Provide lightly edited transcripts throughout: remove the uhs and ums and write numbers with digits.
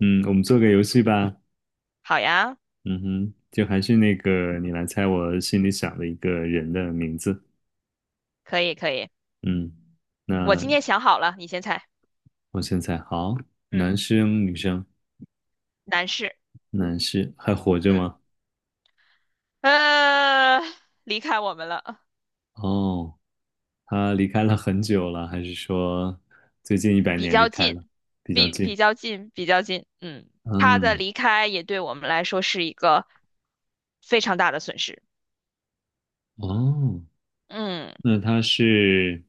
嗯，我们做个游戏吧。好呀，嗯哼，就还是那个，你来猜我心里想的一个人的名字。可以可以，嗯，我那今天想好了，你先猜。我先猜，好，嗯，男生女生，男士。男士还活着嗯，吗？呃，离开我们了。哦，他离开了很久了，还是说最近一百比年离较开近，了，比较比近？比较近，比较近。嗯，他的嗯，离开也对我们来说是一个非常大的损失。哦，嗯，那他是，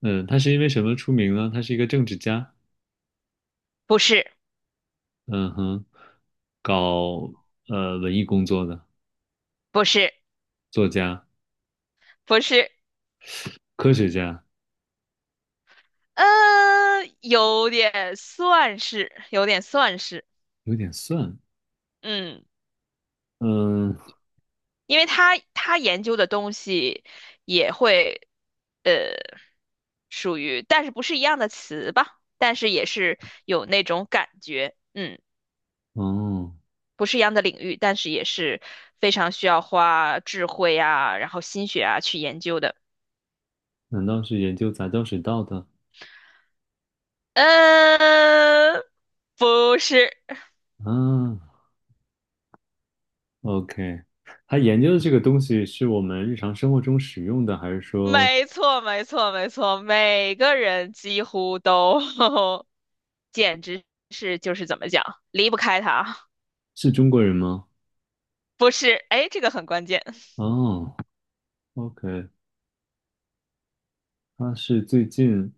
嗯，他是因为什么出名呢？他是一个政治家，不是，嗯哼，搞文艺工作的不是，作家、不是。科学家。呃，有点算是，有点算是。有点算，嗯。嗯，因为他研究的东西也会，呃，属于，但是不是一样的词吧，但是也是有那种感觉。嗯，哦，不是一样的领域，但是也是非常需要花智慧啊，然后心血啊去研究的。难道是研究杂交水稻的嗯，不是。啊？OK，他研究的这个东西是我们日常生活中使用的，还是说是没错，没错，没错，每个人几乎都，简直是就是怎么讲，离不开它。中国人吗？不是，哎，这个很关键。哦，OK，他是最近，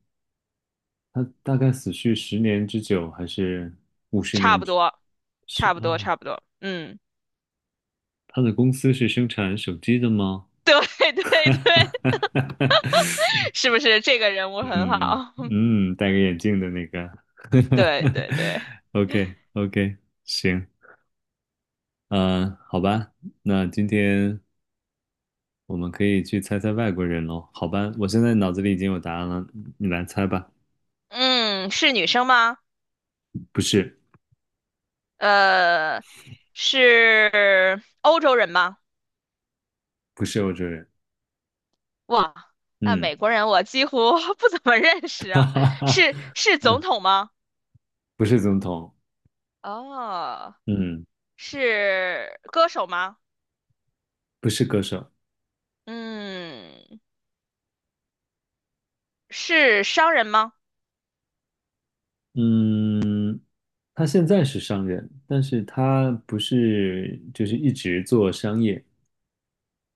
他大概死去十年之久，还是五十差年不之？多，是差不多，哦，差不多。嗯，他的公司是生产手机的吗？对 对哈哈对，哈哈哈 是不是这个人物很嗯好？戴个眼镜的那个 对对对。，OK OK，行，嗯、好吧，那今天我们可以去猜猜外国人喽，好吧，我现在脑子里已经有答案了，你来猜吧。嗯，是女生吗？不是，呃，是欧洲人吗？不是欧洲人，哇，那嗯，美国人我几乎 不怎么认识 哈啊。哈哈，是是总嗯，统吗？不是总统，哦，嗯，是歌手吗？不是歌手，嗯，是商人吗？嗯，他现在是商人，但是他不是就是一直做商业，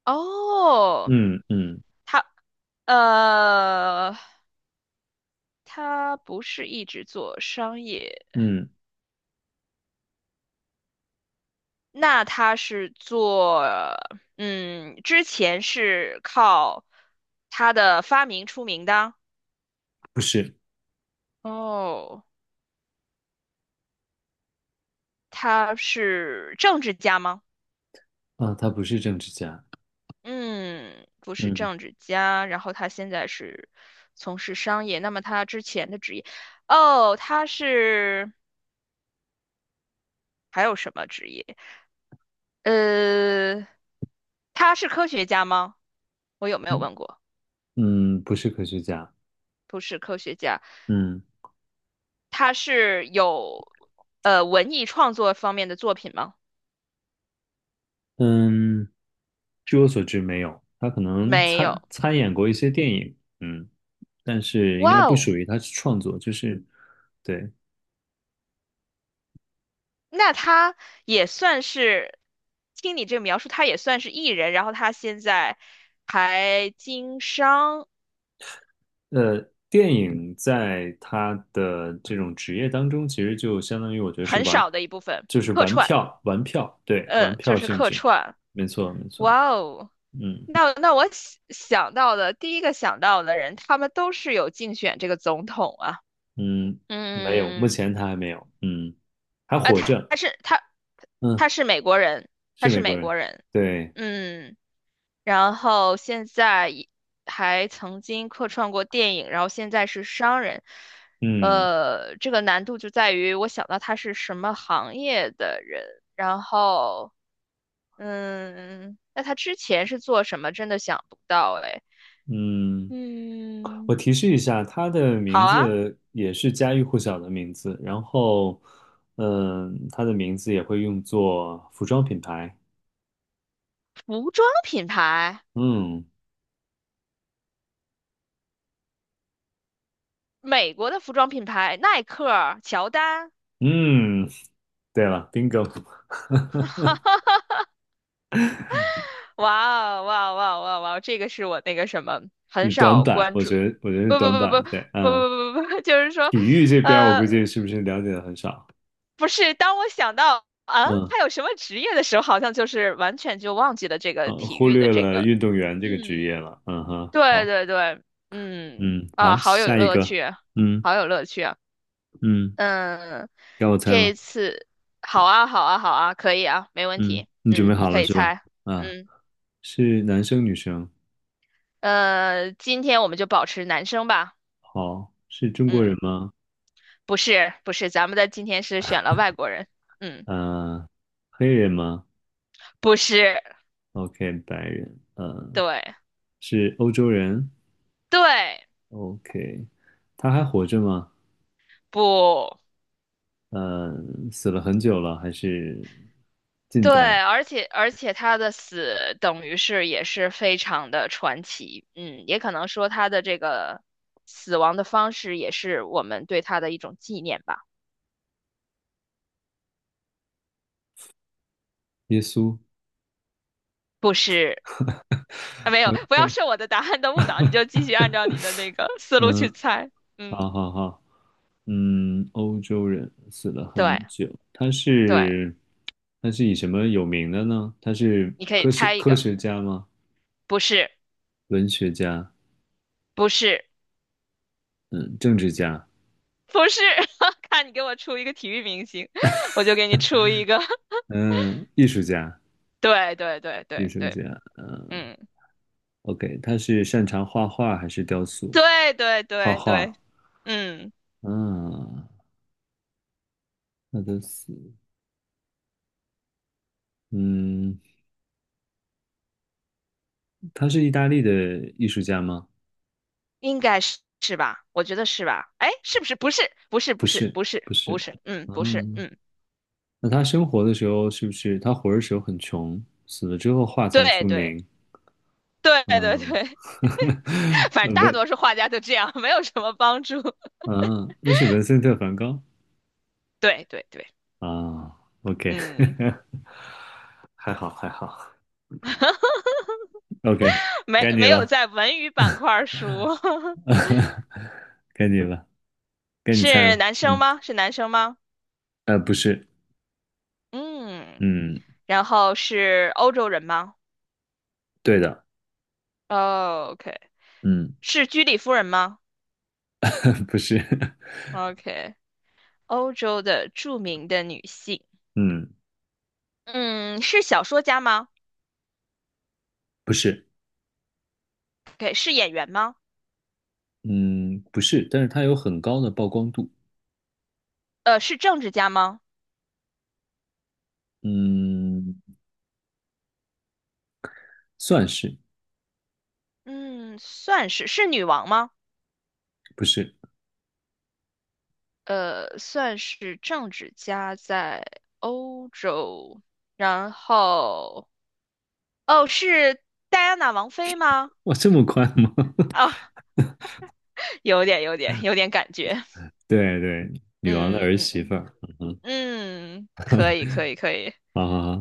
哦，嗯嗯他呃，他不是一直做商业，嗯，那他是做，嗯，之前是靠他的发明出名的。不是。哦，他是政治家吗？啊，他不是政治家，嗯，不是嗯政治家，然后他现在是从事商业。那么他之前的职业，哦，他是还有什么职业？呃，他是科学家吗？我有没有嗯问过？不是科学家，不是科学家。嗯他是有文艺创作方面的作品吗？嗯，据我所知没有，他可能没有。参演过一些电影，但是应该哇不哦，属于他是创作，就是对，那他也算是，听你这个描述，他也算是艺人，然后他现在还经商呃，电影在他的这种职业当中，其实就相当于我觉得是很玩，少的一部分就是客玩串。票，玩票，对，玩嗯，就票是性客质，串。没错没错，哇哦，嗯那我想到的第一个想到的人，他们都是有竞选这个总统啊。嗯，没有，目嗯，前他还没有，还啊，活他着。他是他嗯，他是美国人，他是是美国美人，国人。对，嗯，然后现在也还曾经客串过电影，然后现在是商人。嗯呃，这个难度就在于我想到他是什么行业的人，然后嗯，那他之前是做什么，真的想不到哎。嗯，我嗯，提示一下，他的好名啊，字也是家喻户晓的名字，然后，他的名字也会用作服装品牌，服装品牌，嗯美国的服装品牌，耐克、乔丹。嗯，对了，bingo，哇哦哇哦哇哦哇哦哇哦这个是我那个什么 很是短少板，关我注。觉得我觉得是不不短不不不板，对，不不不不不就是说，体育这边儿我估呃，计是不是了解的很少，不是，当我想到啊，嗯他有什么职业的时候，好像就是完全就忘记了这个体忽育的略这了个。运动员这个职业嗯，了，嗯哼，对好，对对。嗯嗯啊，好，好有下一乐个，趣啊，嗯好有乐趣啊。嗯，嗯，该我猜这一了。次好啊好啊好啊，可以啊，没问嗯，题。你准备嗯，你好可了以是吧？猜。啊，嗯是男生女生？今天我们就保持男生吧。好，是中国嗯，人吗？不是不是，咱们的今天是选了外国人。嗯，呃，黑人吗不是。？OK，白人。对是欧洲人对？OK，他还活着吗？不呃，死了很久了，还是近对，代？而且他的死等于是也是非常的传奇。嗯，也可能说他的这个死亡的方式也是我们对他的一种纪念吧。耶稣不是，啊，没有，不要？OK，受我的答案的误导，你就继续按照你的那个思路去嗯，猜。嗯，好好好，欧洲人死了对很久，他对，是他是以什么有名的呢？他是你可以科学猜一科个，学家吗？不是文学家，不是。嗯，政治家，不是。看你给我出一个体育明星，我就给你出一个。嗯，艺术家，对对对艺对术对。家，嗯嗯，，OK，他是擅长画画还是雕塑？对对画对对。画，嗯，嗯，那都是，嗯，他是意大利的艺术家吗？应该是是吧？我觉得是吧？哎，是不是？不是，不是，不不是，是，不是，不不是，是。嗯，不是。嗯，嗯，那他生活的时候是不是他活着时候很穷，死了之后画才出对对名？对对嗯，对。反正大文，多数画家都这样，没有什么帮助。嗯，那是文森特·梵高对对对。啊，OK，嗯，还好还好。OK，没该你没有了，在文娱板块儿输。该你了，该你猜是了。男生吗？是男生吗？不是，嗯。嗯，然后是欧洲人吗？对的，哦，OK，嗯，是居里夫人吗 不是，？OK，欧洲的著名的女性。嗯，嗯，是小说家吗不是，？OK，是演员吗？嗯，不是，但是它有很高的曝光度，是政治家吗？嗯，算是，嗯，算是，是女王吗？不是，呃，算是政治家在欧洲，然后哦，是戴安娜王妃吗？哇，这么快吗？哦，有点，有点，有点感觉。对对，女王的嗯儿嗯媳妇嗯儿，嗯哼，嗯，嗯可以，可以，可以。好好好，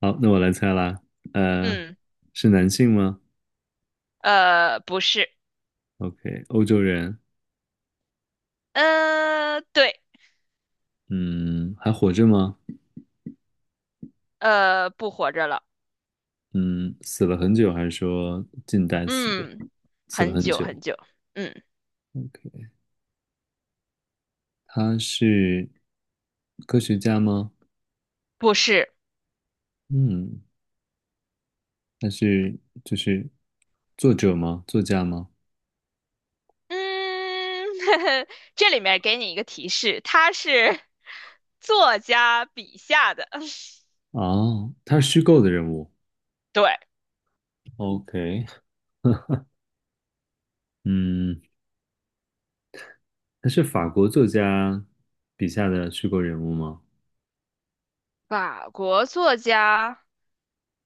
好，那我来猜啦，呃，嗯，是男性吗不是。？OK，欧洲人，对。嗯，还活着吗？不活着了。嗯，死了很久，还是说近代死的？嗯，死了很很久久，很久。嗯，他是科学家吗？不是。嗯，他是就是作者吗？作家吗？嗯，这里面给你一个提示，他是 作家笔下的，哦，他是虚构的人物。对。OK，嗯，他是法国作家笔下的虚构人物吗？法国作家，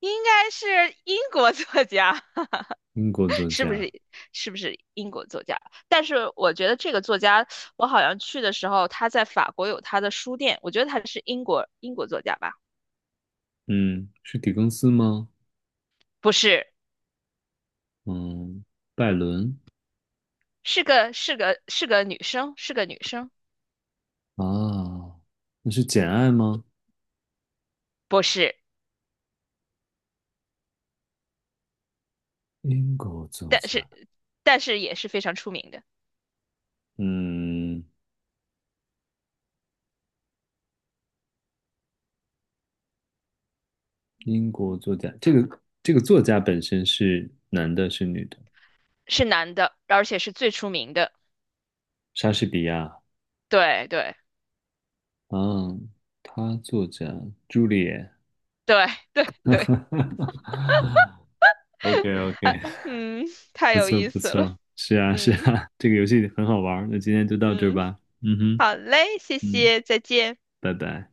应该是英国作家，英国作是不家，是？是不是英国作家？但是我觉得这个作家，我好像去的时候，他在法国有他的书店，我觉得他是英国作家吧。嗯，是狄更斯吗？不是，嗯，拜伦是个是个是个女生，是个女生。啊，那是《简爱》吗？不是，英国作但家，是也是非常出名的。嗯。英国作家，这个作家本身是男的，是女的？是男的，而且是最出名的。莎士比亚对对啊，他作家朱丽叶。对对对。o k o k 嗯，太不有错意不思了。错，是啊是嗯啊，这个游戏很好玩儿那今天就到这儿嗯，吧。嗯哼，好嘞，谢嗯，谢，再见。拜拜。